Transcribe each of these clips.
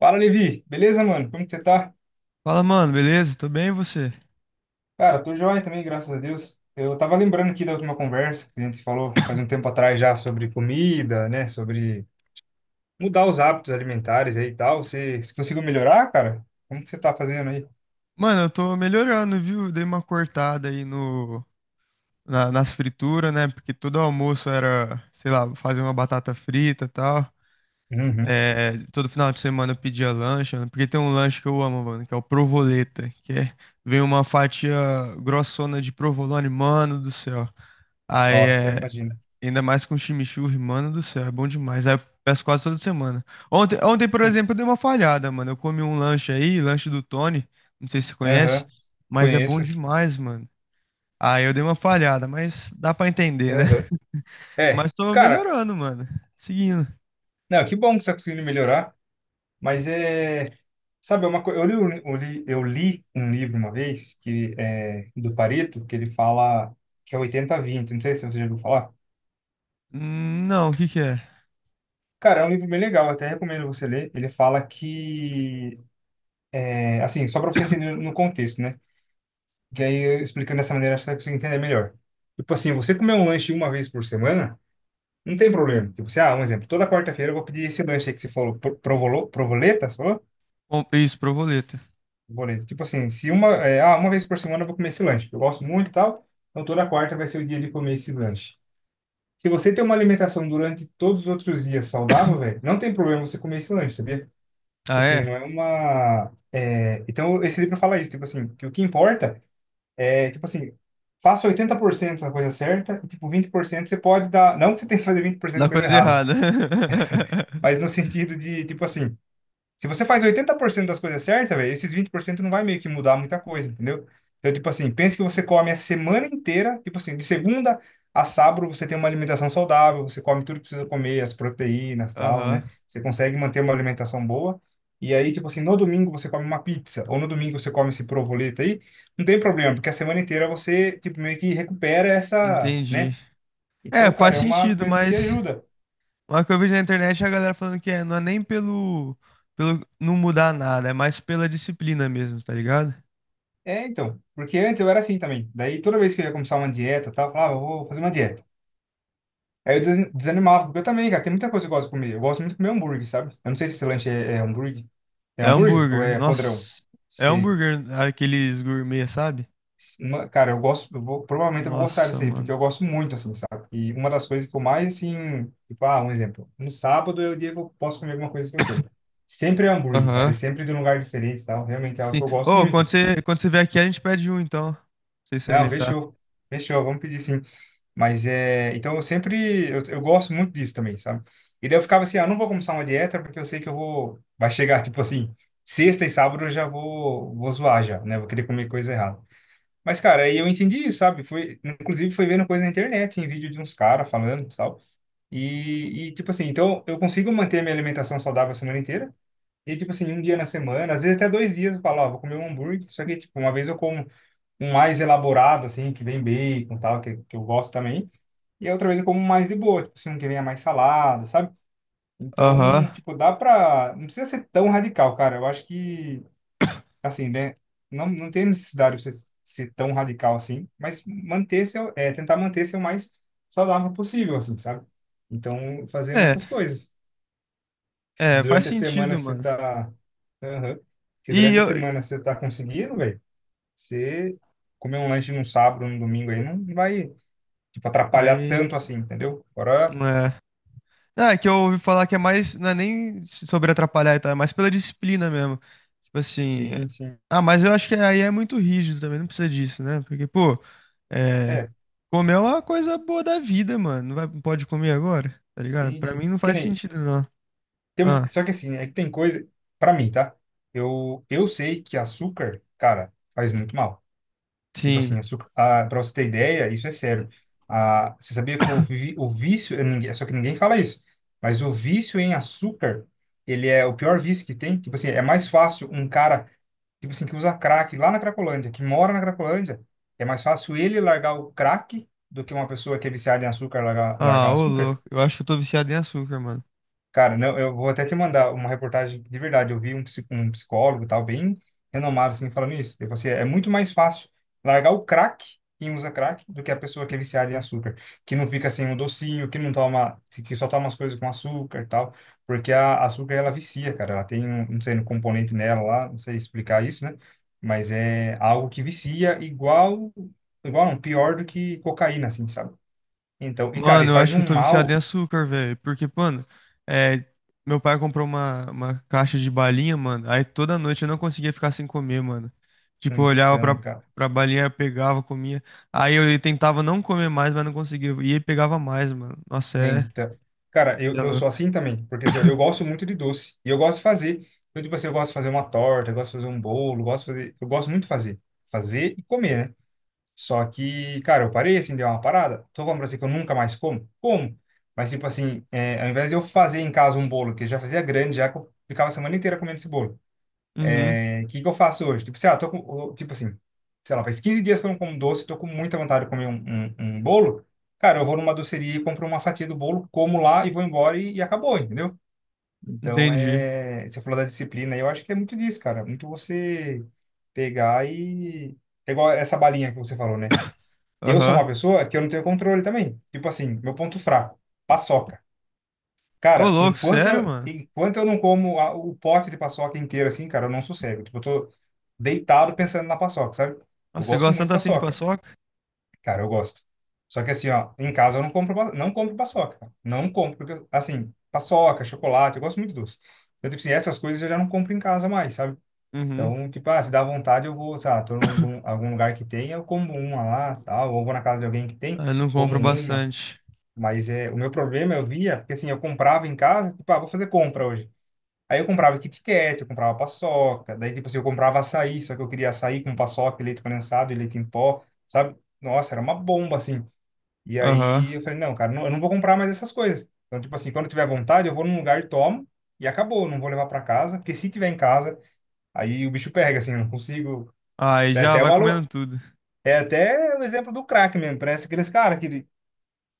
Fala, Levi. Beleza, mano? Como que você tá? Fala, mano, beleza? Tô bem, e você? Cara, tô joia também, graças a Deus. Eu tava lembrando aqui da última conversa que a gente falou faz um tempo atrás já sobre comida, né? Sobre mudar os hábitos alimentares aí e tal. Você conseguiu melhorar, cara? Como que você tá fazendo aí? Mano, eu tô melhorando, viu? Dei uma cortada aí no, na- nas frituras, né? Porque todo almoço era, sei lá, fazer uma batata frita e tal. Uhum. É, todo final de semana eu pedia lanche, mano, porque tem um lanche que eu amo, mano, que é o provoleta, que é, vem uma fatia grossona de provolone, mano do céu. Aí Nossa, eu é imagino. ainda mais com chimichurri, mano do céu, é bom demais. Aí eu peço quase toda semana. Ontem, por exemplo, eu dei uma falhada, mano. Eu comi um lanche aí, lanche do Tony, não sei se você conhece, Aham. mas é bom Conheço. demais, mano. Aí eu dei uma falhada, mas dá pra entender, né? Aham. É, Mas tô cara, melhorando, mano. Seguindo. não, que bom que você tá conseguindo melhorar. Mas é. Sabe, é uma coisa. Eu li um livro uma vez, que é do Pareto, que ele fala que é 80 a 20. Não sei se você já ouviu falar. Não, o que que é? Cara, é um livro bem legal, até recomendo você ler. Ele fala que. É, assim, só para você entender no contexto, né? Que aí, eu explicando dessa maneira, acho que você consegue entender melhor. Tipo assim, você comer um lanche uma vez por semana, não tem problema. Tipo assim, ah, um exemplo. Toda quarta-feira eu vou pedir esse lanche aí que você falou, provolo, provoleta, Bom, isso, provoleta. boleto. Tipo assim, se uma, é, ah, uma vez por semana eu vou comer esse lanche, porque eu gosto muito e tal, então toda quarta vai ser o dia de comer esse lanche. Se você tem uma alimentação durante todos os outros dias saudável, velho, não tem problema você comer esse lanche, sabia? Tipo Ah, assim, é? não é uma. Então, esse livro fala isso, tipo assim, que o que importa é, tipo assim, faça 80% da coisa certa e, tipo, 20% você pode dar. Não que você tenha que fazer 20% Dá da coisa coisa errada, errada. mas no sentido de, tipo assim, se você faz 80% das coisas certas, velho, esses 20% não vai meio que mudar muita coisa, entendeu? Então, tipo assim, pense que você come a semana inteira, tipo assim, de segunda a sábado você tem uma alimentação saudável, você come tudo que precisa comer, as proteínas, tal, Aham, né? Você consegue manter uma alimentação boa. E aí, tipo assim, no domingo você come uma pizza, ou no domingo você come esse provoleta aí, não tem problema, porque a semana inteira você, tipo, meio que recupera essa, entendi. né? É, Então, cara, faz é uma sentido, coisa que mas ajuda. uma que eu vejo na internet é a galera falando que é, não é nem pelo não mudar nada, é mais pela disciplina mesmo, tá ligado? É, então, porque antes eu era assim também. Daí toda vez que eu ia começar uma dieta, tal, eu falava, "Ah, eu vou fazer uma dieta." Aí eu desanimava, porque eu também, cara, tem muita coisa que eu gosto de comer. Eu gosto muito de comer hambúrguer, sabe? Eu não sei se esse lanche é hambúrguer. É É hambúrguer ou hambúrguer. é podrão? Nossa, é Se, hambúrguer, aqueles gourmet, sabe? Cara, eu gosto, provavelmente eu vou gostar Nossa, desse aí, porque mano. eu gosto muito, assim, sabe? E uma das coisas que eu mais, assim, tipo, ah, um exemplo. No sábado é o dia que eu posso comer alguma coisa que eu quero. Sempre é hambúrguer, cara, Aham. e sempre de um lugar diferente e tal. Realmente é algo Sim. que eu gosto Ô, quando muito. você, quando você vier aqui, a gente pede um, então. Pra você Não, experimentar. fechou. Fechou, vamos pedir sim. Mas é. Então eu sempre. Eu gosto muito disso também, sabe? E daí eu ficava assim: ah, não vou começar uma dieta porque eu sei que eu vou. Vai chegar, tipo assim, sexta e sábado eu já vou zoar já, né? Vou querer comer coisa errada. Mas, cara, aí eu entendi isso, sabe? Foi, inclusive, foi vendo coisa na internet, em vídeo de uns caras falando e tal. Tipo assim, então eu consigo manter minha alimentação saudável a semana inteira. E, tipo assim, um dia na semana, às vezes até 2 dias, eu falo, ó, vou comer um hambúrguer. Só que, tipo, uma vez eu como um mais elaborado, assim, que vem bacon e tal, que eu gosto também. E a outra vez eu como mais de boa, tipo se não que venha mais salada, sabe? Aham. Então, tipo, dá pra. Não precisa ser tão radical, cara. Eu acho que, assim, né? Não, não tem necessidade de você ser tão radical assim, mas manter seu, tentar manter seu mais saudável possível, assim, sabe? Então, fazendo É, essas coisas. Se é, faz durante a semana sentido, você mano. tá. Aham. Se E durante a eu. semana você tá conseguindo, velho, você comer um lanche num sábado, num domingo aí, não vai, tipo, atrapalhar Aí. tanto assim, entendeu? Agora. É. Ah, é que eu ouvi falar que é mais, não é nem sobre atrapalhar e tal, é mais pela disciplina mesmo. Tipo assim, Sim, sim. ah, mas eu acho que aí é muito rígido também, não precisa disso, né? Porque, pô, é, É, comer é uma coisa boa da vida, mano. Não vai, não pode comer agora, tá ligado? sim, Pra sim. mim não Que faz nem, sentido, não. Ah, só que assim, é que tem coisa, pra mim, tá? Eu sei que açúcar, cara, faz muito mal. Tipo sim. assim, açúcar, pra você ter ideia, isso é sério. Ah, você sabia que o vício, só que ninguém fala isso, mas o vício em açúcar, ele é o pior vício que tem. Tipo assim, é mais fácil um cara, tipo assim, que usa crack lá na Cracolândia, que mora na Cracolândia, é mais fácil ele largar o crack do que uma pessoa que é viciada em açúcar largar, largar Ah, ô açúcar. louco, eu acho que eu tô viciado em açúcar, mano. Cara, não, eu vou até te mandar uma reportagem de verdade. Eu vi um psicólogo e tal, bem renomado, assim, falando isso. Ele falou assim, é muito mais fácil largar o crack, quem usa crack, do que a pessoa que é viciada em açúcar, que não fica sem um docinho, que não toma, que só toma as coisas com açúcar e tal, porque a açúcar, ela vicia, cara. Ela tem, um, não sei, um componente nela lá, não sei explicar isso, né? Mas é algo que vicia igual, igual não, pior do que cocaína, assim, sabe? Então, e cara, e Mano, eu faz acho que eu um tô viciado em mal... açúcar, velho. Porque, mano, é, meu pai comprou uma caixa de balinha, mano. Aí toda noite eu não conseguia ficar sem comer, mano. Tipo, eu olhava pra, Então, cara pra balinha, eu pegava, comia. Aí eu tentava não comer mais, mas não conseguia. E aí pegava mais, mano. Nossa, é. Então, cara, eu, É eu louco. sou assim também, porque assim, eu gosto muito de doce, e eu gosto de fazer. Eu, tipo assim, eu gosto de fazer uma torta, eu gosto de fazer um bolo, eu gosto de fazer, eu gosto muito de fazer, fazer e comer, né? Só que, cara, eu parei, assim, deu uma parada, tô falando pra você que eu nunca mais como, como? Mas, tipo assim, é, ao invés de eu fazer em casa um bolo, que eu já fazia grande, já que eu ficava a semana inteira comendo esse bolo, Uhum, o que que eu faço hoje? Tipo, sei lá, tô com, tipo assim, sei lá, faz 15 dias que eu não como doce, tô com muita vontade de comer um bolo. Cara, eu vou numa doceria e compro uma fatia do bolo, como lá e vou embora e acabou, entendeu? Então, entendi. é, você falou da disciplina, eu acho que é muito disso, cara. Muito você pegar e... É igual essa balinha que você falou, né? Eu sou Aham. uma pessoa que eu não tenho controle também. Tipo assim, meu ponto fraco, paçoca. Ô, Cara, louco, enquanto sério, eu, mano? enquanto eu não como o pote de paçoca inteiro assim, cara, eu não sossego. Tipo, eu tô deitado pensando na paçoca, sabe? Eu Nossa, você gosto gosta muito de tanto assim de paçoca. paçoca? Cara, eu gosto. Só que assim, ó, em casa eu não compro, não compro paçoca, cara. Não compro, porque, assim, paçoca, chocolate, eu gosto muito de doce. Então, tipo assim, essas coisas eu já não compro em casa mais, sabe? Uhum. Então, tipo, ah, se dá vontade, eu vou, sei lá, tô em algum lugar que tem, eu como uma lá, tal, ou vou na casa de alguém que tem, Ah, eu não como compro uma. bastante. Mas é, o meu problema eu via, porque assim, eu comprava em casa, tipo, ah, vou fazer compra hoje. Aí eu comprava Kit Kat, eu comprava paçoca, daí tipo assim, eu comprava açaí, só que eu queria açaí com paçoca, e leite condensado e leite em pó, sabe? Nossa, era uma bomba assim. E Aham. aí eu falei, não, cara, eu não vou comprar mais essas coisas. Então, tipo assim, quando eu tiver vontade, eu vou num lugar e tomo e acabou, eu não vou levar para casa, porque se tiver em casa, aí o bicho pega, assim, eu não consigo. Aí É já até vai comendo tudo. é até o exemplo do crack mesmo. Parece aqueles caras que,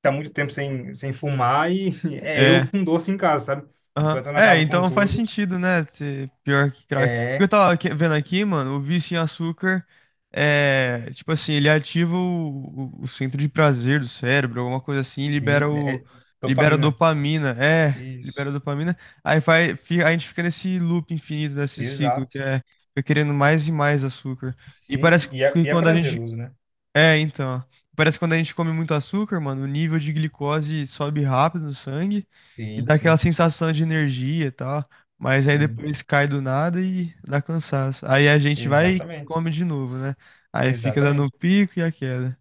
tá muito tempo sem, fumar e é eu É. com doce em casa, sabe? Aham. Enquanto eu não É, acabo com então faz tudo. sentido, né? Ser pior que crack. Porque eu É, tava aqui- vendo aqui, mano, o vício em açúcar é, tipo assim, ele ativa o centro de prazer do cérebro, alguma coisa assim, e sim, libera né, o é libera dopamina. dopamina. É, Isso, libera dopamina. Aí vai, fi- a gente fica nesse loop infinito, nesse ciclo que exato. é fica querendo mais e mais açúcar. E Sim, parece e e é, que e é quando a gente prazeroso, né? é, então. Parece que quando a gente come muito açúcar, mano, o nível de glicose sobe rápido no sangue e Sim, dá aquela sim, sensação de energia e tal. Mas aí sim. depois cai do nada e dá cansaço. Aí a gente vai e Exatamente, come de novo, né? Aí fica dando o exatamente. pico e a queda.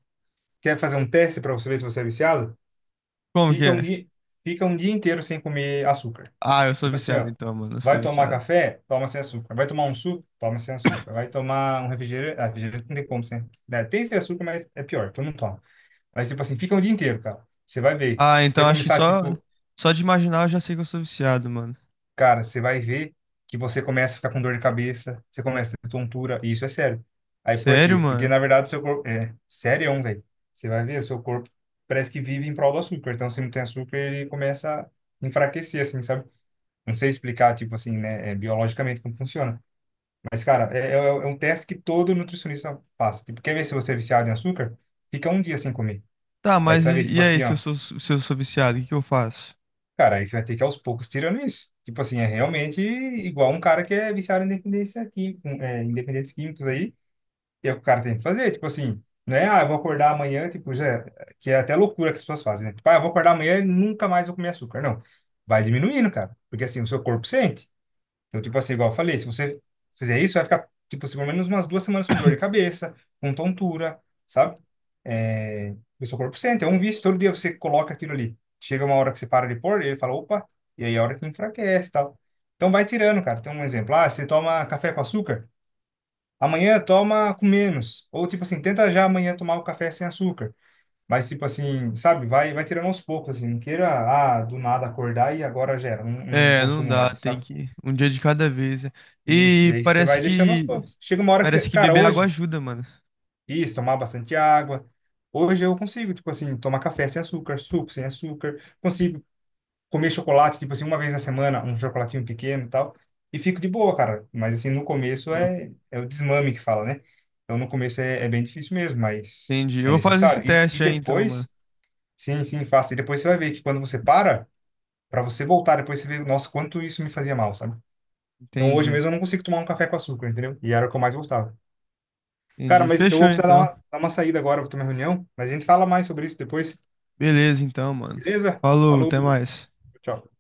Quer fazer um teste para você ver se você é viciado? Como que Fica um é? dia, Fica um dia inteiro sem comer açúcar. Ah, eu sou Tipo assim, viciado ó. então, mano. Eu sou Vai tomar viciado. café? Toma sem açúcar. Vai tomar um suco? Toma sem açúcar. Vai tomar um refrigerante? Ah, refrigerante não tem como sem, né? Tem sem açúcar, mas é pior, todo mundo toma. Mas, tipo assim, fica o dia inteiro, cara. Você vai ver. Ah, Se você então acho que começar, só, tipo, só de imaginar eu já sei que eu sou viciado, mano. cara, você vai ver que você começa a ficar com dor de cabeça, você começa a ter tontura, e isso é sério. Aí por Sério, quê? Porque, mano? na verdade, o seu corpo. É, sério, velho. Você vai ver, o seu corpo parece que vive em prol do açúcar. Então, se não tem açúcar, ele começa a enfraquecer, assim, sabe? Não sei explicar, tipo assim, né, biologicamente como funciona. Mas, cara, é um teste que todo nutricionista passa. Tipo, quer ver se você é viciado em açúcar? Fica um dia sem comer. Tá, Aí você mas vai ver, e, tipo e aí, assim, se eu ó. sou, se eu sou viciado, o que que eu faço? Cara, aí você vai ter que aos poucos tirando isso. Tipo assim, é realmente igual um cara que é viciado em dependência química, em dependentes químicos aí, e é o que o cara tem que fazer. Tipo assim, não é, ah, eu vou acordar amanhã, tipo, já, que é até loucura que as pessoas fazem, né? Tipo, ah, eu vou acordar amanhã e nunca mais vou comer açúcar. Não. Vai diminuindo, cara. Porque assim, o seu corpo sente. Então, tipo assim, igual eu falei, se você fizer isso, vai ficar, tipo assim, pelo menos umas 2 semanas com dor de cabeça, com tontura, sabe? É, o seu corpo sente, é um vício, todo dia você coloca aquilo ali. Chega uma hora que você para de pôr, ele fala, opa, e aí é a hora que enfraquece e tal. Então vai tirando, cara. Tem um exemplo, ah, você toma café com açúcar, amanhã toma com menos. Ou tipo assim, tenta já amanhã tomar o café sem açúcar. Mas tipo assim, sabe, vai tirando aos poucos, assim, não queira, ah, do nada acordar e agora gera, não, não É, não consumo dá, mais, tem sabe? que um dia de cada vez. Né? Isso, e E aí você vai deixando aos poucos. Chega uma hora que você, parece que cara, beber água hoje, ajuda, mano. isso, tomar bastante água. Hoje eu consigo, tipo assim, tomar café sem açúcar, suco sem açúcar, consigo comer chocolate, tipo assim, uma vez na semana, um chocolatinho pequeno e tal, e fico de boa, cara. Mas assim, no começo Ó, é o desmame que fala, né? Então no começo é bem difícil mesmo, mas entendi. Eu é vou fazer esse necessário. E teste aí então, mano. depois, sim, sim, faça. E depois você vai ver que quando você para, para você voltar, depois você vê, nossa, quanto isso me fazia mal, sabe? Então hoje Entendi. mesmo eu não consigo tomar um café com açúcar, entendeu? E era o que eu mais gostava. Cara, Entendi. mas eu Fechou vou precisar dar uma, então. dar uma saída agora, para ter uma reunião, mas a gente fala mais sobre isso depois, Beleza então, mano. beleza? Falou, até Falou, mais. tchau.